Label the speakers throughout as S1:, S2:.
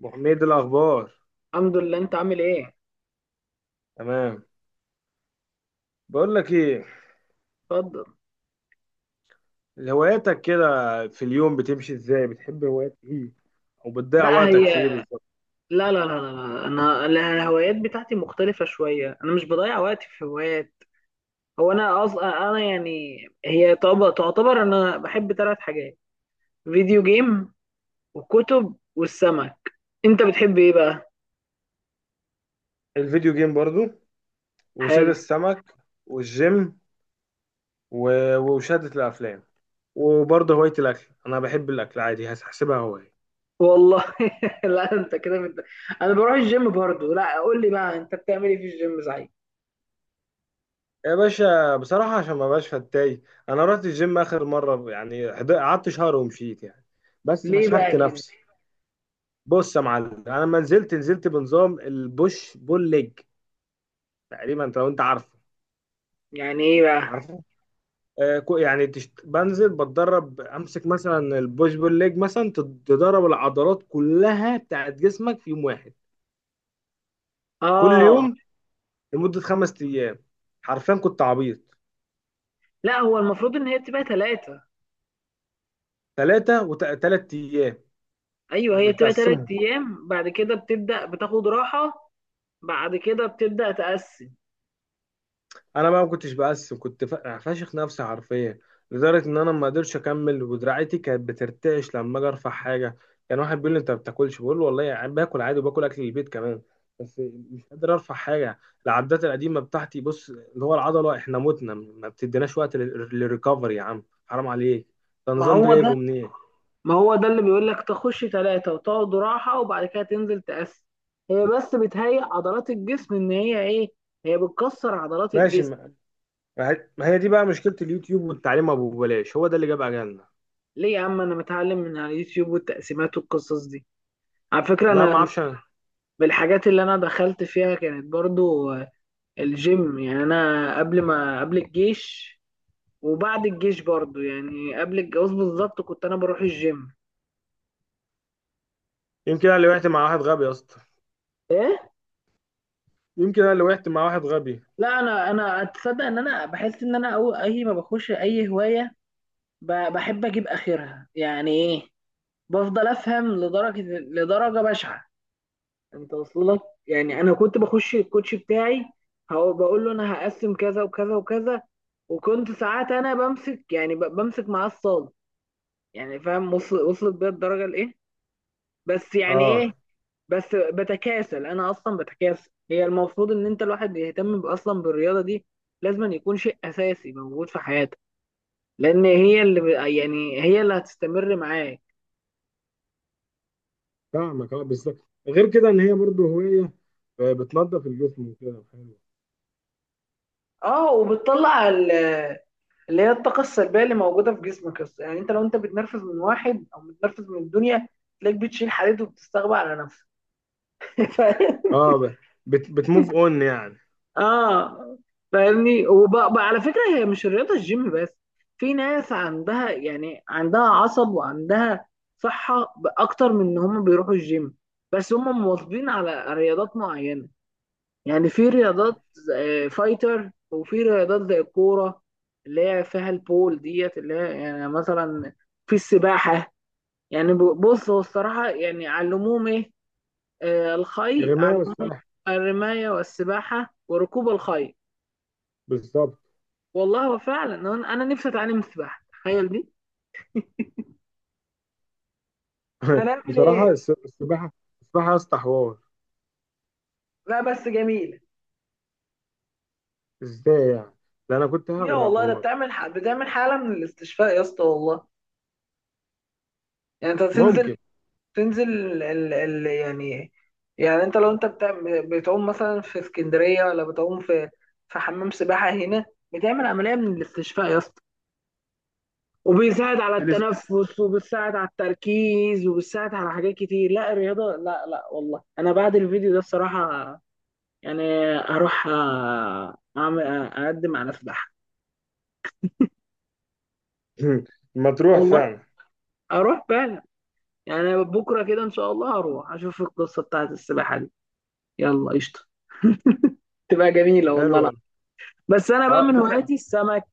S1: ابو حميد الاخبار.
S2: الحمد لله، انت عامل ايه؟
S1: تمام. بقول لك ايه،
S2: اتفضل.
S1: هواياتك كده في اليوم بتمشي ازاي؟ بتحب هوايات ايه، او بتضيع
S2: لا
S1: وقتك
S2: هي
S1: في ايه بالظبط؟
S2: لا لا لا لا انا الهوايات بتاعتي مختلفة شوية، انا مش بضيع وقتي في هوايات. هو انا اصلا انا يعني تعتبر انا بحب ثلاث حاجات: فيديو جيم، والكتب، والسمك. انت بتحب ايه بقى؟
S1: الفيديو جيم برضو، وصيد
S2: حلو.
S1: السمك، والجيم، ومشاهدة الافلام، وبرضه هواية الاكل. انا بحب الاكل عادي، هحسبها هواية.
S2: والله لا انت كده بت... انا بروح الجيم برضو، لا قول لي بقى انت بتعمل ايه في الجيم صحيح.
S1: يا باشا، بصراحة عشان ما بقاش فتاي، انا رحت الجيم اخر مرة يعني، قعدت شهر ومشيت يعني. بس
S2: ليه
S1: فشخت
S2: بقى كده؟
S1: نفسي. بص يا معلم، انا لما نزلت بنظام البوش بول ليج. تقريبا لو انت عارفه.
S2: يعني ايه بقى؟
S1: عارفه. بنزل بتدرب، امسك مثلا البوش بول ليج مثلا، تدرب العضلات كلها بتاعت جسمك في يوم واحد. كل
S2: اه.
S1: يوم، لمدة خمس ايام. حرفيا كنت عبيط.
S2: لا هو المفروض ان هي تبقى ثلاثة.
S1: ثلاثة، وثلاث ايام
S2: ايوه، هي بتبقى
S1: بتقسمهم.
S2: تلات ايام، بعد كده بتبدا بتاخد راحه، بعد كده بتبدا تقسم.
S1: انا بقى ما كنتش بقسم، كنت فاشخ نفسي حرفيا. لدرجه ان انا ما قدرتش اكمل، ودراعتي كانت بترتعش لما اجي ارفع حاجه. كان واحد بيقول لي، انت ما بتاكلش؟ بقول له، والله يعني باكل عادي، وباكل اكل البيت كمان. بس مش قادر ارفع حاجه. العدات القديمه بتاعتي، بص، اللي هو العضله، احنا متنا، ما بتديناش وقت للريكفري يا عم، حرام عليك. ده
S2: ما
S1: النظام ده
S2: هو ده
S1: جايبه منين؟
S2: ما هو ده اللي بيقول لك تخش ثلاثه وتقعد راحه وبعد كده تنزل تقسم. هي بس بتهيئ عضلات الجسم ان هي ايه، هي بتكسر عضلات
S1: ماشي
S2: الجسم.
S1: ما. ما هي دي بقى مشكله اليوتيوب والتعليم ابو بلاش، هو ده اللي جاب اجلنا.
S2: ليه يا عم، انا متعلم من على اليوتيوب والتقسيمات والقصص دي. على فكره
S1: لا ما
S2: انا
S1: اعرفش أنا.
S2: بالحاجات اللي انا دخلت فيها كانت برضو الجيم، يعني انا قبل ما قبل الجيش وبعد الجيش برضو يعني قبل الجواز بالظبط كنت انا بروح الجيم.
S1: يمكن انا اللي وقعت مع واحد غبي يا اسطى.
S2: ايه.
S1: يمكن انا اللي وقعت مع واحد غبي.
S2: لا انا اتصدق ان انا بحس ان انا أو اي ما بخش اي هوايه، بحب اجيب اخرها، يعني ايه؟ بفضل افهم لدرجه، لدرجه بشعه، انت واصل لك. يعني انا كنت بخش الكوتش بتاعي هو بقول له انا هقسم كذا وكذا وكذا، وكنت ساعات انا بمسك يعني بمسك معاه الصاله. يعني فاهم، وصلت بيا الدرجه لايه، بس يعني ايه،
S1: اه،
S2: بس بتكاسل. انا اصلا بتكاسل، هي المفروض ان انت الواحد يهتم اصلا بالرياضه دي، لازم يكون شيء اساسي موجود في حياتك، لان هي اللي يعني هي اللي هتستمر معاك.
S1: فاهمك. اه، بالظبط. غير كده ان هي برضو هوايه، آه، بتنظف الجسم وكده، حلو.
S2: اه، اللي هي الطاقه السلبيه اللي موجوده في جسمك أصلاً. يعني انت لو انت بتنرفز من واحد او بتنرفز من الدنيا، تلاقيك بتشيل حديد وبتستغبى على نفسك.
S1: اه، ب- بت بتموف اون يعني.
S2: اه، فاهمني. وبقى على فكره، هي مش الرياضه الجيم بس، في ناس عندها يعني عندها عصب وعندها صحه اكتر من ان هم بيروحوا الجيم، بس هم مواظبين على رياضات معينه. يعني في رياضات فايتر، وفي رياضات زي الكوره اللي هي فيها البول ديت، اللي هي يعني مثلا في السباحه. يعني بص، هو الصراحه يعني علموهم ايه؟ الخي
S1: الرمايه
S2: علموهم
S1: والسباحه.
S2: الرمايه والسباحه وركوب الخيل.
S1: بالظبط.
S2: والله هو فعلا انا نفسي اتعلم السباحه، تخيل دي. هنعمل ايه؟
S1: بصراحه السباحه. السباحه يا اسطى حوار.
S2: لا بس جميل.
S1: ازاي يعني؟ ده انا كنت
S2: يا
S1: هغرق في
S2: والله، ده
S1: مره.
S2: بتعمل حاله من الاستشفاء يا اسطى والله. يعني انت تنزل،
S1: ممكن.
S2: يعني يعني انت لو انت بتعوم مثلا في اسكندريه، ولا بتعوم في حمام سباحه هنا، بتعمل عمليه من الاستشفاء يا اسطى، وبيساعد على
S1: تلس-
S2: التنفس، وبيساعد على التركيز، وبيساعد على حاجات كتير. لا الرياضه، لا لا والله، انا بعد الفيديو ده الصراحه يعني اروح اعمل اقدم على سباحه.
S1: ما تروح
S2: والله
S1: فعلا.
S2: اروح فعلا، يعني بكره كده ان شاء الله هروح اشوف القصه بتاعت السباحه دي. يلا قشطه، تبقى جميله
S1: حلو
S2: والله. لا
S1: والله.
S2: بس انا بقى
S1: اه،
S2: من
S1: فكره.
S2: هواياتي السمك.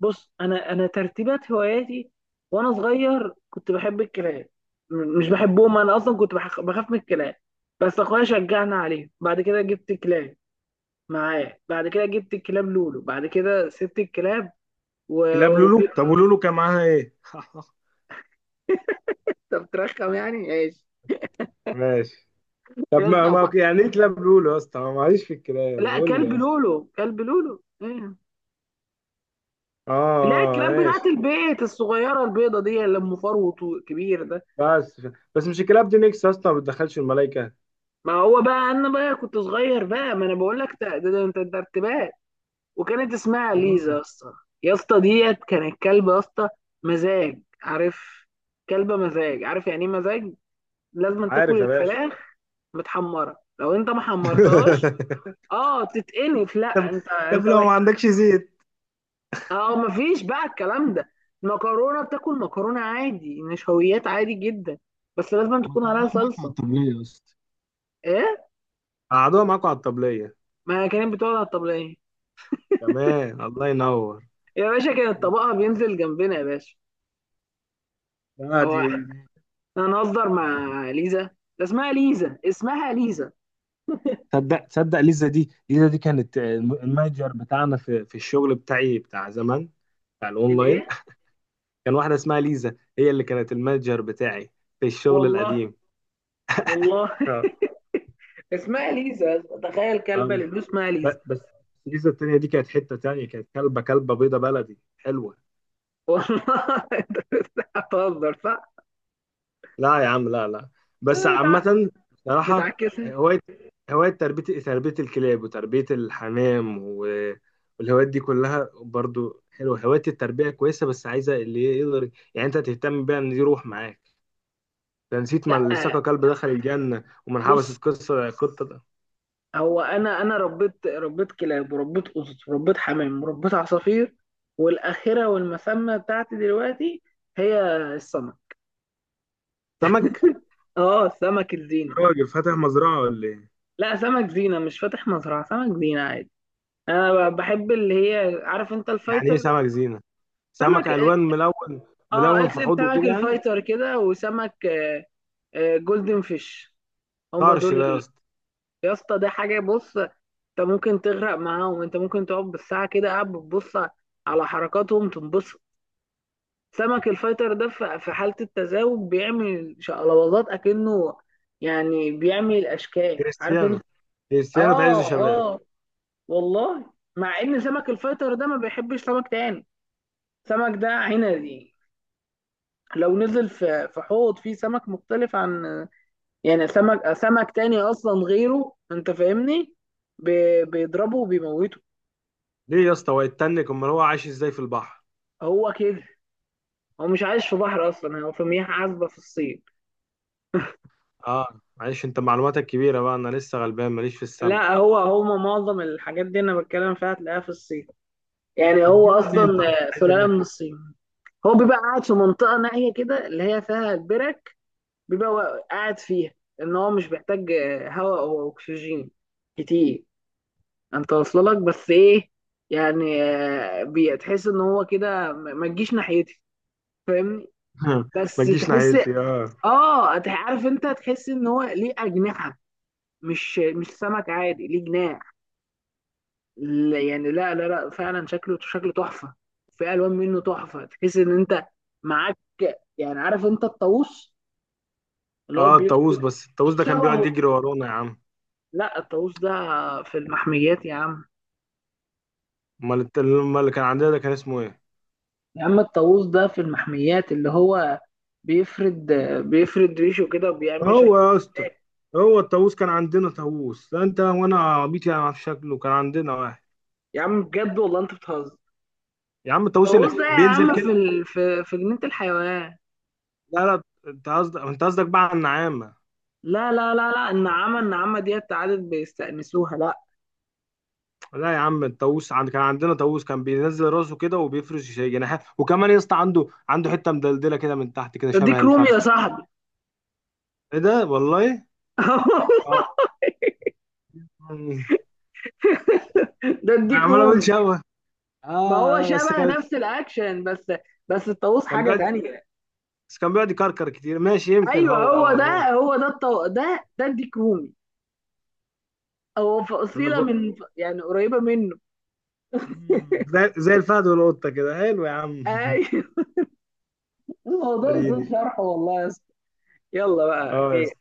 S2: بص، انا ترتيبات هواياتي: وانا صغير كنت بحب الكلاب، مش بحبهم، انا اصلا كنت بخاف من الكلاب، بس اخويا شجعنا عليه، بعد كده جبت كلاب معاه، بعد كده جبت الكلاب لولو، بعد كده سبت الكلاب و...
S1: كلاب لولو؟
S2: وجبت-
S1: طب ولولو كان معاها ايه؟
S2: طب ترخم يعني.
S1: ماشي. طب،
S2: يا
S1: ما
S2: اسطى
S1: ما
S2: وب-
S1: يعني ايه كلاب لولو يا اسطى؟ أنا معيش في الكلاب،
S2: لا
S1: قول لي
S2: كلب
S1: يا اسطى.
S2: لولو، كلب لولو، ايوه.
S1: اه،
S2: لا
S1: آه،
S2: الكلاب بتاعت
S1: ماشي.
S2: البيت الصغيره البيضه دي اللي ام فروت كبير ده.
S1: بس. بس مش الكلاب دي نيكس يا اسطى، ما بتدخلش الملائكه.
S2: ما هو بقى انا بقى كنت صغير بقى، ما انا بقول لك، ده ارتباك. وكانت اسمها ليزا يا
S1: مم.
S2: اسطى. يا اسطى ديت كانت كلبه يا اسطى، مزاج، عارف؟ كلبه مزاج، عارف يعني ايه مزاج؟ لازم تاكل
S1: عارف يا باشا.
S2: الفراخ متحمره، لو انت ما حمرتهاش، اه تتقنف. لا
S1: طب
S2: انت
S1: طب، لو ما
S2: وحش.
S1: عندكش زيت؟
S2: اه، مفيش بقى الكلام ده. المكرونه، بتاكل مكرونه عادي، نشويات عادي جدا، بس لازم
S1: ما
S2: تكون
S1: تعالى
S2: عليها
S1: معاك على
S2: صلصه.
S1: الطبلية يا اسطى.
S2: ايه؟
S1: قعدوها معاكوا على الطبليه.
S2: ما هي كانت بتقعد على الطبليه.
S1: تمام، الله ينور.
S2: يا باشا كانت طبقها بينزل جنبنا يا باشا.
S1: لا،
S2: هو
S1: دي
S2: احنا
S1: دي
S2: هنهزر مع ليزا؟ ده اسمها ليزا، اسمها ليزا.
S1: تصدق، تصدق، ليزا دي كانت المانجر بتاعنا في الشغل بتاعي بتاع زمان، بتاع الاونلاين.
S2: الايه؟
S1: كان واحده اسمها ليزا، هي اللي كانت المانجر بتاعي في الشغل
S2: والله.
S1: القديم.
S2: والله.
S1: اه.
S2: اسمها ليزا، تخيل، كلبه
S1: اه،
S2: اللي اسمها ليزا.
S1: بس. السيزون التانية دي كانت حتة تانية، كانت كلبة، كلبة بيضة بلدي حلوة.
S2: والله انت بتهزر صح؟
S1: لا يا عم، لا لا. بس
S2: آه، بتع-
S1: عامة بصراحة،
S2: بتعكسها.
S1: هواية، هواية تربية، تربية الكلاب، وتربية الحمام والهوايات دي كلها برضو حلوة. هواية التربية كويسة، بس عايزة اللي يقدر يعني انت تهتم بيها، ان دي روح معاك. ده نسيت ما
S2: لا
S1: اللي سقى كلب دخل الجنة، ومن
S2: بص،
S1: حبست قصة قطة ده.
S2: هو انا ربيت كلاب، وربيت قطط، وربيت حمام، وربيت عصافير، والاخره والمسمى بتاعتي دلوقتي هي السمك.
S1: سمك.
S2: اه، سمك الزينه.
S1: راجل فاتح مزرعة ولا ايه؟
S2: لا سمك زينه، مش فاتح مزرعه، سمك زينه عادي. انا بحب اللي هي، عارف انت
S1: يعني ايه
S2: الفايتر،
S1: سمك زينة؟
S2: سمك،
S1: سمك ألوان، ملون.
S2: اه
S1: ملون في
S2: اكتب
S1: حوضه كده
S2: سمك
S1: يعني.
S2: الفايتر كده، وسمك جولدن فيش، هما
S1: طرش
S2: دول
S1: ده يا اسطى.
S2: يا اسطى ده حاجه، بص، انت ممكن تغرق معاهم، انت ممكن تقعد بالساعه كده قاعد بتبص على حركاتهم تنبسط. سمك الفايتر ده في حالة التزاوج بيعمل شقلباظات أكنه، يعني بيعمل أشكال، عارف
S1: كريستيانو.
S2: أنت.
S1: كريستيانو في عز
S2: آه
S1: شبابه.
S2: آه والله، مع إن سمك الفايتر ده ما بيحبش سمك تاني، سمك ده عنزي، لو نزل في حوض فيه سمك مختلف عن، يعني سمك تاني أصلا غيره، أنت فاهمني، بيضربه وبيموته.
S1: ليه يا اسطى، هو يتنك؟ امال هو عايش ازاي في البحر؟
S2: هو كده، هو مش عايش في بحر أصلا، هو في مياه عذبة في الصين.
S1: اه، معلش، انت معلوماتك كبيره بقى، انا لسه غلبان، ماليش في السمك.
S2: لا، هو معظم الحاجات دي انا بتكلم فيها هتلاقيها في الصين، يعني هو
S1: بتجيبها منين
S2: اصلا
S1: طيب، عايز
S2: سلاله من
S1: اجيبها.
S2: الصين. هو بيبقى قاعد في منطقه نائيه كده اللي هي فيها البرك، بيبقى قاعد فيها، ان هو مش بيحتاج هواء او اكسجين كتير. انت واصله لك، بس ايه، يعني بتحس ان هو كده، ما تجيش ناحيتي، فاهمني؟ بس
S1: ما تجيش
S2: تحس،
S1: ناحيتي، اه.
S2: اه، عارف انت، تحس ان هو ليه اجنحه، مش سمك عادي ليه جناح. يعني لا لا لا، فعلا شكله، شكله تحفه، في الوان منه تحفه، تحس ان انت معاك، يعني عارف انت الطاووس اللي هو
S1: اه، الطاووس، بس الطاووس ده كان بيقعد
S2: شبهه.
S1: يجري ورانا يا عم.
S2: لا الطاووس ده في المحميات يا عم.
S1: امال امال اللي كان عندنا ده كان اسمه ايه؟
S2: يا عم الطاووس ده في المحميات، اللي هو بيفرد، بيفرد ريشه كده وبيعمل
S1: هو
S2: شكل.
S1: يا اسطى، هو الطاووس؟ كان عندنا طاووس، لا انت وانا عبيط يعني في شكله، كان عندنا واحد.
S2: يا عم بجد والله انت بتهزر.
S1: يا عم الطاووس
S2: الطاووس
S1: اللي
S2: ده يا
S1: بينزل
S2: عم
S1: كده.
S2: في في جنينة الحيوان.
S1: لا لا. انت قصدك بقى على النعامه.
S2: لا لا لا لا، النعامة، النعامة ديت عادت بيستأنسوها، لا.
S1: لا يا عم، الطاووس، كان عندنا طاووس، كان بينزل راسه كده وبيفرش جناحات، وكمان يا اسطى عنده حته مدلدله كده من تحت، كده
S2: ده
S1: شبه
S2: ديك رومي يا
S1: الفرخه.
S2: صاحبي.
S1: ايه ده والله. اه. انا
S2: ده الديك
S1: عمال اقول
S2: رومي،
S1: شبه. اه،
S2: ما هو
S1: آه، بس
S2: شبه،
S1: كان.
S2: نفس الاكشن بس، بس الطاووس
S1: كان
S2: حاجه
S1: بيقعد.
S2: تانية.
S1: بس كان بيقعد يكركر كتير، ماشي، يمكن
S2: ايوه
S1: هو، هو
S2: هو ده،
S1: هو.
S2: هو ده الطو... ده ده الديك رومي، هو
S1: انا
S2: فصيله
S1: ب...
S2: من يعني قريبه منه.
S1: مم. زي الفهد والقطه كده، حلو يا عم.
S2: ايوه. الموضوع يطول
S1: اديني.
S2: شرحه والله يا اسطى. يلا بقى
S1: اه يا
S2: خير.
S1: اسطى.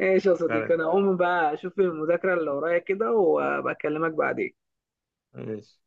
S2: ايش يا صديقي،
S1: سلام.
S2: انا هقوم بقى اشوف المذاكره اللي ورايا كده وبكلمك بعدين.
S1: ماشي.